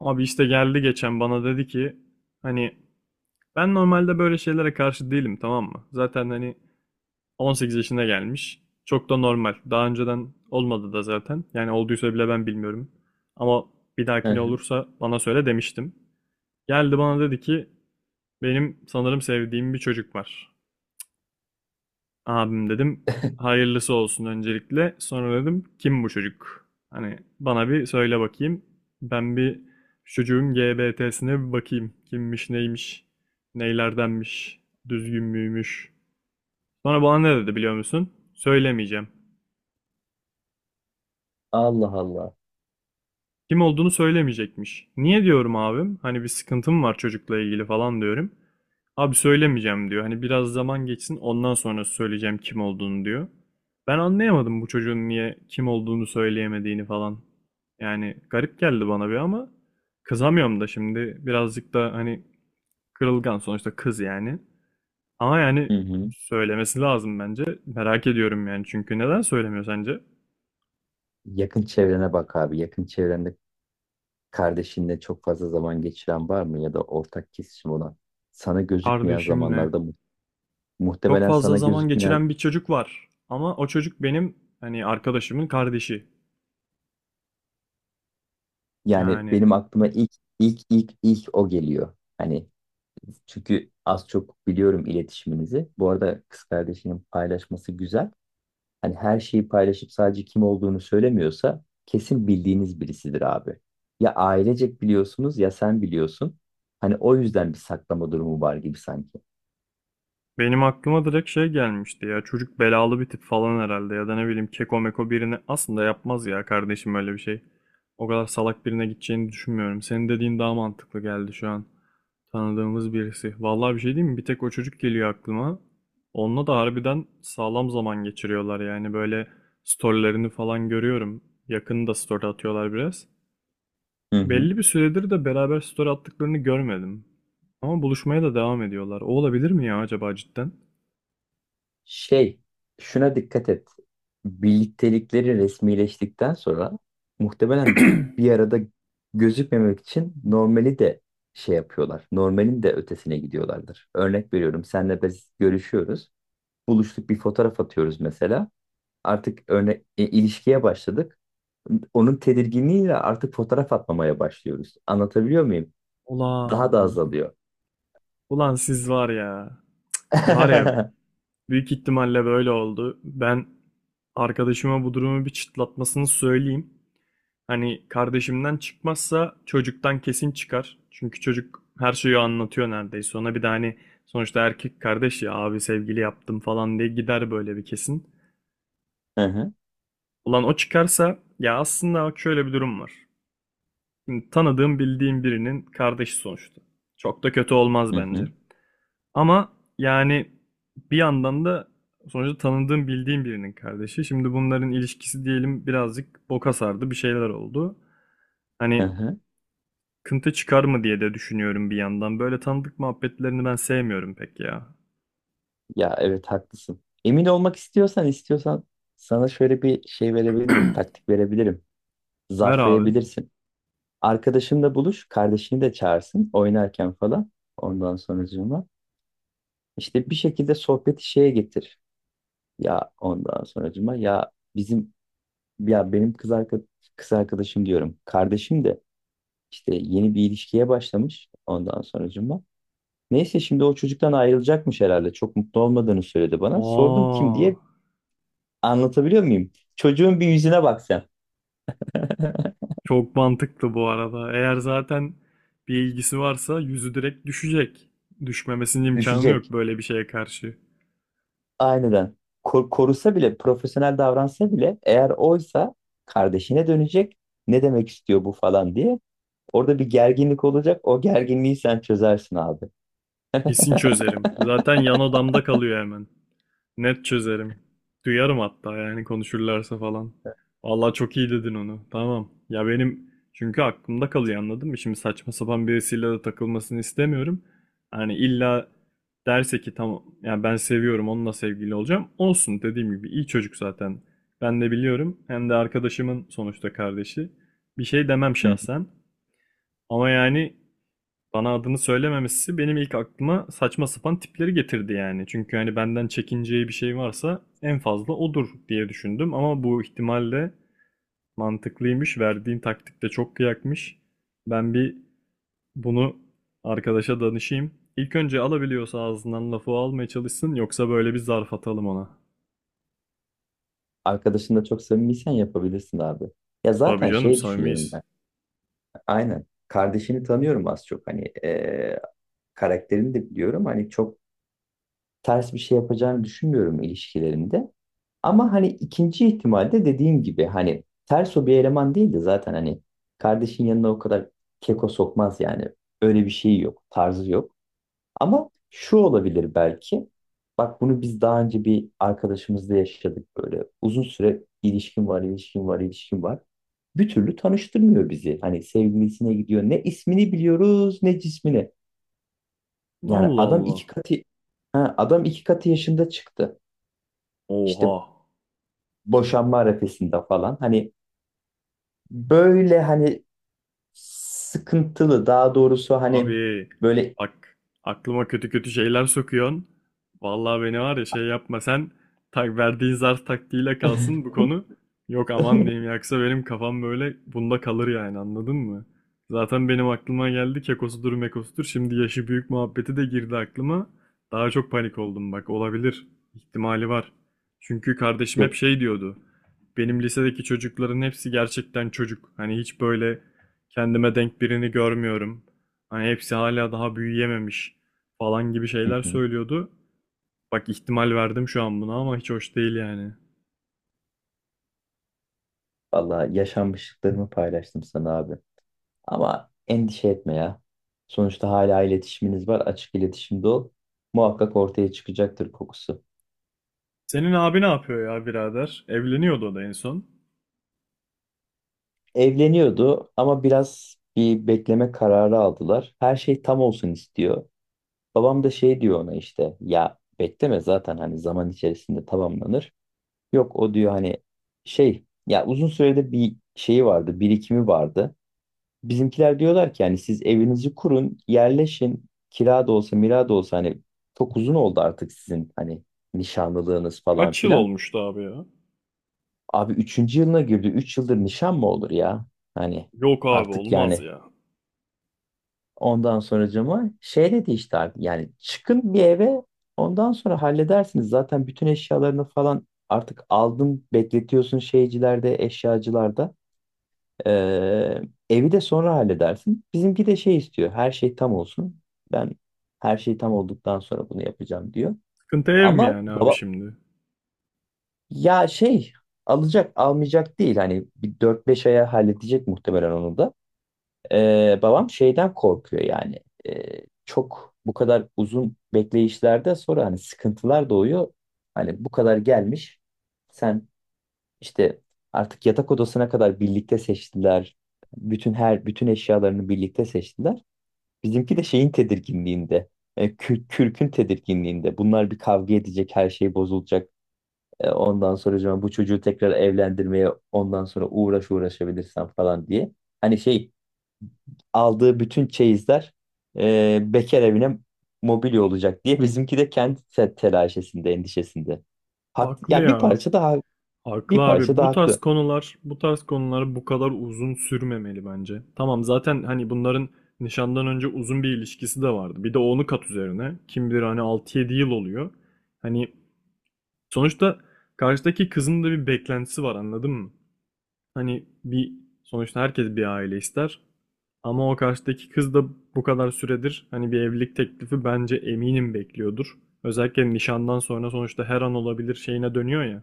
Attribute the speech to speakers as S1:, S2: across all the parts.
S1: Abi işte geldi geçen bana dedi ki hani ben normalde böyle şeylere karşı değilim, tamam mı? Zaten hani 18 yaşına gelmiş. Çok da normal. Daha önceden olmadı da zaten. Yani olduysa bile ben bilmiyorum. Ama bir
S2: Hı
S1: dahakine
S2: hı.
S1: olursa bana söyle demiştim. Geldi bana dedi ki benim sanırım sevdiğim bir çocuk var. Abim dedim hayırlısı olsun öncelikle. Sonra dedim kim bu çocuk? Hani bana bir söyle bakayım. Ben bir şu çocuğun GBT'sine bir bakayım. Kimmiş neymiş? Neylerdenmiş? Düzgün müymüş? Sonra bana ne dedi biliyor musun? Söylemeyeceğim.
S2: Allah Allah.
S1: Kim olduğunu söylemeyecekmiş. Niye diyorum abim? Hani bir sıkıntım var çocukla ilgili falan diyorum. Abi söylemeyeceğim diyor. Hani biraz zaman geçsin ondan sonra söyleyeceğim kim olduğunu diyor. Ben anlayamadım bu çocuğun niye kim olduğunu söyleyemediğini falan. Yani garip geldi bana bir, ama kızamıyorum da şimdi birazcık da hani kırılgan sonuçta kız yani. Ama yani
S2: Hı hı.
S1: söylemesi lazım bence. Merak ediyorum yani, çünkü neden söylemiyor sence?
S2: Yakın çevrene bak abi. Yakın çevrende kardeşinle çok fazla zaman geçiren var mı ya da ortak kesişim olan? Sana gözükmeyen
S1: Kardeşimle
S2: zamanlarda
S1: çok
S2: muhtemelen
S1: fazla
S2: sana
S1: zaman
S2: gözükmeyen,
S1: geçiren bir çocuk var. Ama o çocuk benim hani arkadaşımın kardeşi.
S2: yani
S1: Yani
S2: benim aklıma ilk o geliyor. Hani, çünkü az çok biliyorum iletişiminizi. Bu arada kız kardeşinin paylaşması güzel. Hani her şeyi paylaşıp sadece kim olduğunu söylemiyorsa kesin bildiğiniz birisidir abi. Ya ailecek biliyorsunuz ya sen biliyorsun. Hani o yüzden bir saklama durumu var gibi sanki.
S1: benim aklıma direkt şey gelmişti ya. Çocuk belalı bir tip falan herhalde ya da ne bileyim, keko meko birini aslında yapmaz ya kardeşim öyle bir şey. O kadar salak birine gideceğini düşünmüyorum. Senin dediğin daha mantıklı geldi şu an. Tanıdığımız birisi. Vallahi bir şey diyeyim mi? Bir tek o çocuk geliyor aklıma. Onunla da harbiden sağlam zaman geçiriyorlar yani, böyle storylerini falan görüyorum. Yakında story atıyorlar biraz.
S2: Hı hı.
S1: Belli bir süredir de beraber story attıklarını görmedim. Ama buluşmaya da devam ediyorlar. O olabilir mi ya acaba cidden?
S2: Şey, şuna dikkat et. Birliktelikleri resmileştikten sonra, muhtemelen bir arada gözükmemek için, normali de şey yapıyorlar. Normalin de ötesine gidiyorlardır. Örnek veriyorum, senle biz görüşüyoruz. Buluştuk, bir fotoğraf atıyoruz mesela. İlişkiye başladık. Onun tedirginliğiyle artık fotoğraf atmamaya başlıyoruz. Anlatabiliyor muyum? Daha da
S1: Ulan,
S2: azalıyor.
S1: ulan siz var ya. Var ya,
S2: Hı
S1: büyük ihtimalle böyle oldu. Ben arkadaşıma bu durumu bir çıtlatmasını söyleyeyim. Hani kardeşimden çıkmazsa çocuktan kesin çıkar. Çünkü çocuk her şeyi anlatıyor neredeyse. Ona bir de hani sonuçta erkek kardeş ya, abi sevgili yaptım falan diye gider böyle bir kesin.
S2: hı,
S1: Ulan o çıkarsa ya, aslında bak şöyle bir durum var. Şimdi tanıdığım bildiğim birinin kardeşi sonuçta. Çok da kötü olmaz
S2: hı hı,
S1: bence. Ama yani bir yandan da sonuçta tanıdığım bildiğim birinin kardeşi. Şimdi bunların ilişkisi diyelim birazcık boka sardı, bir şeyler oldu.
S2: hı
S1: Hani
S2: hı.
S1: kıntı çıkar mı diye de düşünüyorum bir yandan. Böyle tanıdık muhabbetlerini ben sevmiyorum pek ya.
S2: Ya evet, haklısın. Emin olmak istiyorsan sana şöyle bir şey verebilirim, taktik verebilirim.
S1: Ver abi.
S2: Zarflayabilirsin. Arkadaşınla buluş, kardeşini de çağırsın oynarken falan. Ondan sonracığıma işte bir şekilde sohbeti şeye getir. Ya ondan sonracığıma, ya bizim Ya benim kız arkadaşım, diyorum. Kardeşim de işte yeni bir ilişkiye başlamış ondan sonracığıma. Neyse, şimdi o çocuktan ayrılacakmış herhalde. Çok mutlu olmadığını söyledi bana. Sordum kim
S1: Aa,
S2: diye. Anlatabiliyor muyum? Çocuğun bir yüzüne bak sen.
S1: çok mantıklı bu arada. Eğer zaten bir ilgisi varsa yüzü direkt düşecek. Düşmemesinin imkanı yok
S2: Düşecek.
S1: böyle bir şeye karşı.
S2: Aynen. Korusa bile, profesyonel davransa bile, eğer oysa, kardeşine dönecek. Ne demek istiyor bu falan diye. Orada bir gerginlik olacak. O gerginliği sen çözersin abi.
S1: Kesin çözerim. Zaten yan odamda kalıyor hemen. Net çözerim. Duyarım hatta yani, konuşurlarsa falan. Vallahi çok iyi dedin onu. Tamam. Ya benim çünkü aklımda kalıyor, anladın mı? Şimdi saçma sapan birisiyle de takılmasını istemiyorum. Hani illa derse ki tamam ya ben seviyorum, onunla sevgili olacağım. Olsun, dediğim gibi iyi çocuk zaten. Ben de biliyorum. Hem de arkadaşımın sonuçta kardeşi. Bir şey demem şahsen. Ama yani bana adını söylememesi benim ilk aklıma saçma sapan tipleri getirdi yani. Çünkü hani benden çekineceği bir şey varsa en fazla odur diye düşündüm. Ama bu ihtimalle mantıklıymış. Verdiğin taktik de çok kıyakmış. Ben bir bunu arkadaşa danışayım. İlk önce alabiliyorsa ağzından lafı almaya çalışsın. Yoksa böyle bir zarf atalım ona.
S2: Arkadaşınla çok samimiysen yapabilirsin abi. Ya
S1: Tabii
S2: zaten
S1: canım
S2: şey düşünüyorum
S1: samimiyiz.
S2: ben. Aynen. Kardeşini tanıyorum az çok. Hani karakterini de biliyorum. Hani çok ters bir şey yapacağını düşünmüyorum ilişkilerinde. Ama hani ikinci ihtimalde dediğim gibi, hani ters o bir eleman değil de, zaten hani kardeşin yanına o kadar keko sokmaz yani. Öyle bir şey yok. Tarzı yok. Ama şu olabilir belki. Bak, bunu biz daha önce bir arkadaşımızla yaşadık böyle. Uzun süre ilişkin var, ilişkin var, ilişkin var. Bir türlü tanıştırmıyor bizi. Hani sevgilisine gidiyor. Ne ismini biliyoruz, ne cismini. Yani
S1: Allah Allah.
S2: adam iki katı yaşında çıktı.
S1: Oha.
S2: İşte boşanma arifesinde falan. Hani böyle, hani sıkıntılı, daha doğrusu hani
S1: Abi
S2: böyle.
S1: bak, aklıma kötü kötü şeyler sokuyorsun. Vallahi beni var ya, şey yapma sen, tak verdiğin zar taktiğiyle kalsın bu konu. Yok, aman diyeyim, yaksa benim kafam böyle bunda kalır yani, anladın mı? Zaten benim aklıma geldi kekosudur mekosudur. Şimdi yaşı büyük muhabbeti de girdi aklıma. Daha çok panik oldum, bak olabilir. İhtimali var. Çünkü kardeşim hep
S2: Yok.
S1: şey diyordu. Benim lisedeki çocukların hepsi gerçekten çocuk. Hani hiç böyle kendime denk birini görmüyorum. Hani hepsi hala daha büyüyememiş falan gibi
S2: Hı
S1: şeyler
S2: hı.
S1: söylüyordu. Bak ihtimal verdim şu an buna, ama hiç hoş değil yani.
S2: Vallahi yaşanmışlıklarımı paylaştım sana abi. Ama endişe etme ya. Sonuçta hala iletişiminiz var. Açık iletişimde ol. Muhakkak ortaya çıkacaktır kokusu.
S1: Senin abi ne yapıyor ya birader? Evleniyordu o da en son.
S2: Evleniyordu ama biraz bir bekleme kararı aldılar. Her şey tam olsun istiyor. Babam da şey diyor ona, işte ya bekleme, zaten hani zaman içerisinde tamamlanır. Yok, o diyor hani, şey ya, uzun süredir bir şeyi vardı, birikimi vardı. Bizimkiler diyorlar ki yani, siz evinizi kurun, yerleşin. Kira da olsa, mira da olsa, hani çok uzun oldu artık sizin hani nişanlılığınız falan
S1: Kaç yıl
S2: filan.
S1: olmuştu abi ya?
S2: Abi üçüncü yılına girdi. Üç yıldır nişan mı olur ya? Hani,
S1: Yok abi,
S2: artık
S1: olmaz
S2: yani,
S1: ya.
S2: ondan sonracığıma şey dedi işte, abi yani çıkın bir eve, ondan sonra halledersiniz. Zaten bütün eşyalarını falan artık aldın, bekletiyorsun şeycilerde, eşyacılarda. Ee, Evi de sonra halledersin. Bizimki de şey istiyor. Her şey tam olsun. Ben her şey tam olduktan sonra bunu yapacağım, diyor.
S1: Sıkıntı ev mi
S2: Ama
S1: yani abi
S2: baba
S1: şimdi?
S2: ya, şey alacak almayacak değil. Hani bir 4-5 aya halledecek muhtemelen onu da. Babam şeyden korkuyor yani. Çok bu kadar uzun bekleyişlerde sonra hani sıkıntılar doğuyor. Hani bu kadar gelmiş. Sen işte artık yatak odasına kadar birlikte seçtiler. Her bütün eşyalarını birlikte seçtiler. Bizimki de şeyin tedirginliğinde, kürkün tedirginliğinde. Bunlar bir kavga edecek, her şey bozulacak. Ondan sonra acaba bu çocuğu tekrar evlendirmeye ondan sonra uğraşabilirsem falan diye. Hani şey, aldığı bütün çeyizler bekar evine mobilya olacak diye, bizimki de kendi telaşesinde, endişesinde. Haklı.
S1: Haklı
S2: Yani bir
S1: ya.
S2: parça daha
S1: Haklı abi. Bu tarz
S2: haklı.
S1: konular, bu tarz konular bu kadar uzun sürmemeli bence. Tamam, zaten hani bunların nişandan önce uzun bir ilişkisi de vardı. Bir de onu kat üzerine. Kim bilir hani 6-7 yıl oluyor. Hani sonuçta karşıdaki kızın da bir beklentisi var, anladın mı? Hani bir, sonuçta herkes bir aile ister. Ama o karşıdaki kız da bu kadar süredir hani bir evlilik teklifi bence eminim bekliyordur. Özellikle nişandan sonra sonuçta her an olabilir şeyine dönüyor ya.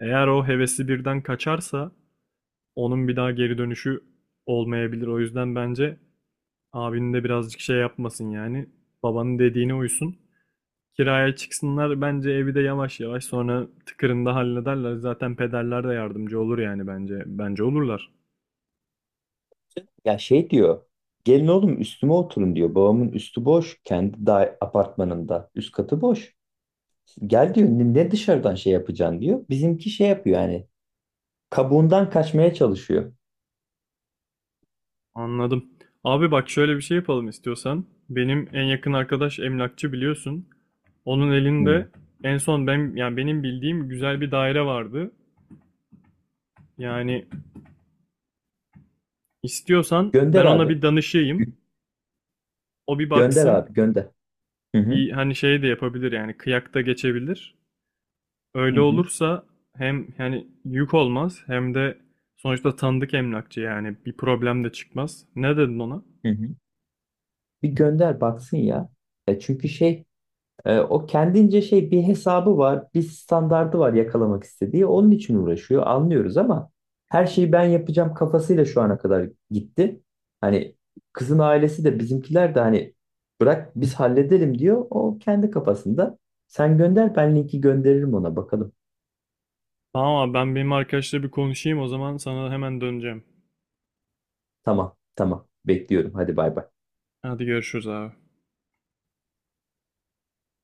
S1: Eğer o hevesi birden kaçarsa onun bir daha geri dönüşü olmayabilir. O yüzden bence abinin de birazcık şey yapmasın yani. Babanın dediğine uysun. Kiraya çıksınlar, bence evi de yavaş yavaş sonra tıkırında hallederler. Zaten pederler de yardımcı olur yani, bence. Bence olurlar.
S2: Ya şey diyor. Gelin oğlum üstüme oturun, diyor. Babamın üstü boş. Kendi da apartmanında. Üst katı boş. Gel diyor. Ne dışarıdan şey yapacaksın, diyor. Bizimki şey yapıyor yani. Kabuğundan kaçmaya çalışıyor.
S1: Anladım. Abi bak, şöyle bir şey yapalım istiyorsan. Benim en yakın arkadaş emlakçı, biliyorsun. Onun
S2: Hı.
S1: elinde en son ben, yani benim bildiğim güzel bir daire vardı. Yani istiyorsan
S2: Gönder
S1: ben ona
S2: abi.
S1: bir danışayım.
S2: Gö-
S1: O bir
S2: Gönder
S1: baksın.
S2: abi, gönder. Hı hı.
S1: Bir hani şey de yapabilir yani, kıyak da geçebilir.
S2: Hı
S1: Öyle
S2: hı.
S1: olursa hem yani yük olmaz, hem de sonuçta tanıdık emlakçı, yani bir problem de çıkmaz. Ne dedin ona?
S2: Hı hı. Bir gönder baksın ya. Çünkü şey, o kendince şey, bir hesabı var, bir standardı var yakalamak istediği. Onun için uğraşıyor, anlıyoruz ama her şeyi ben yapacağım kafasıyla şu ana kadar gitti. Hani kızın ailesi de bizimkiler de hani bırak biz halledelim, diyor. O kendi kafasında. Sen gönder, ben linki gönderirim ona, bakalım.
S1: Tamam abi, ben benim arkadaşla bir konuşayım o zaman sana hemen döneceğim.
S2: Tamam, tamam. Bekliyorum. Hadi bay bay.
S1: Hadi görüşürüz abi.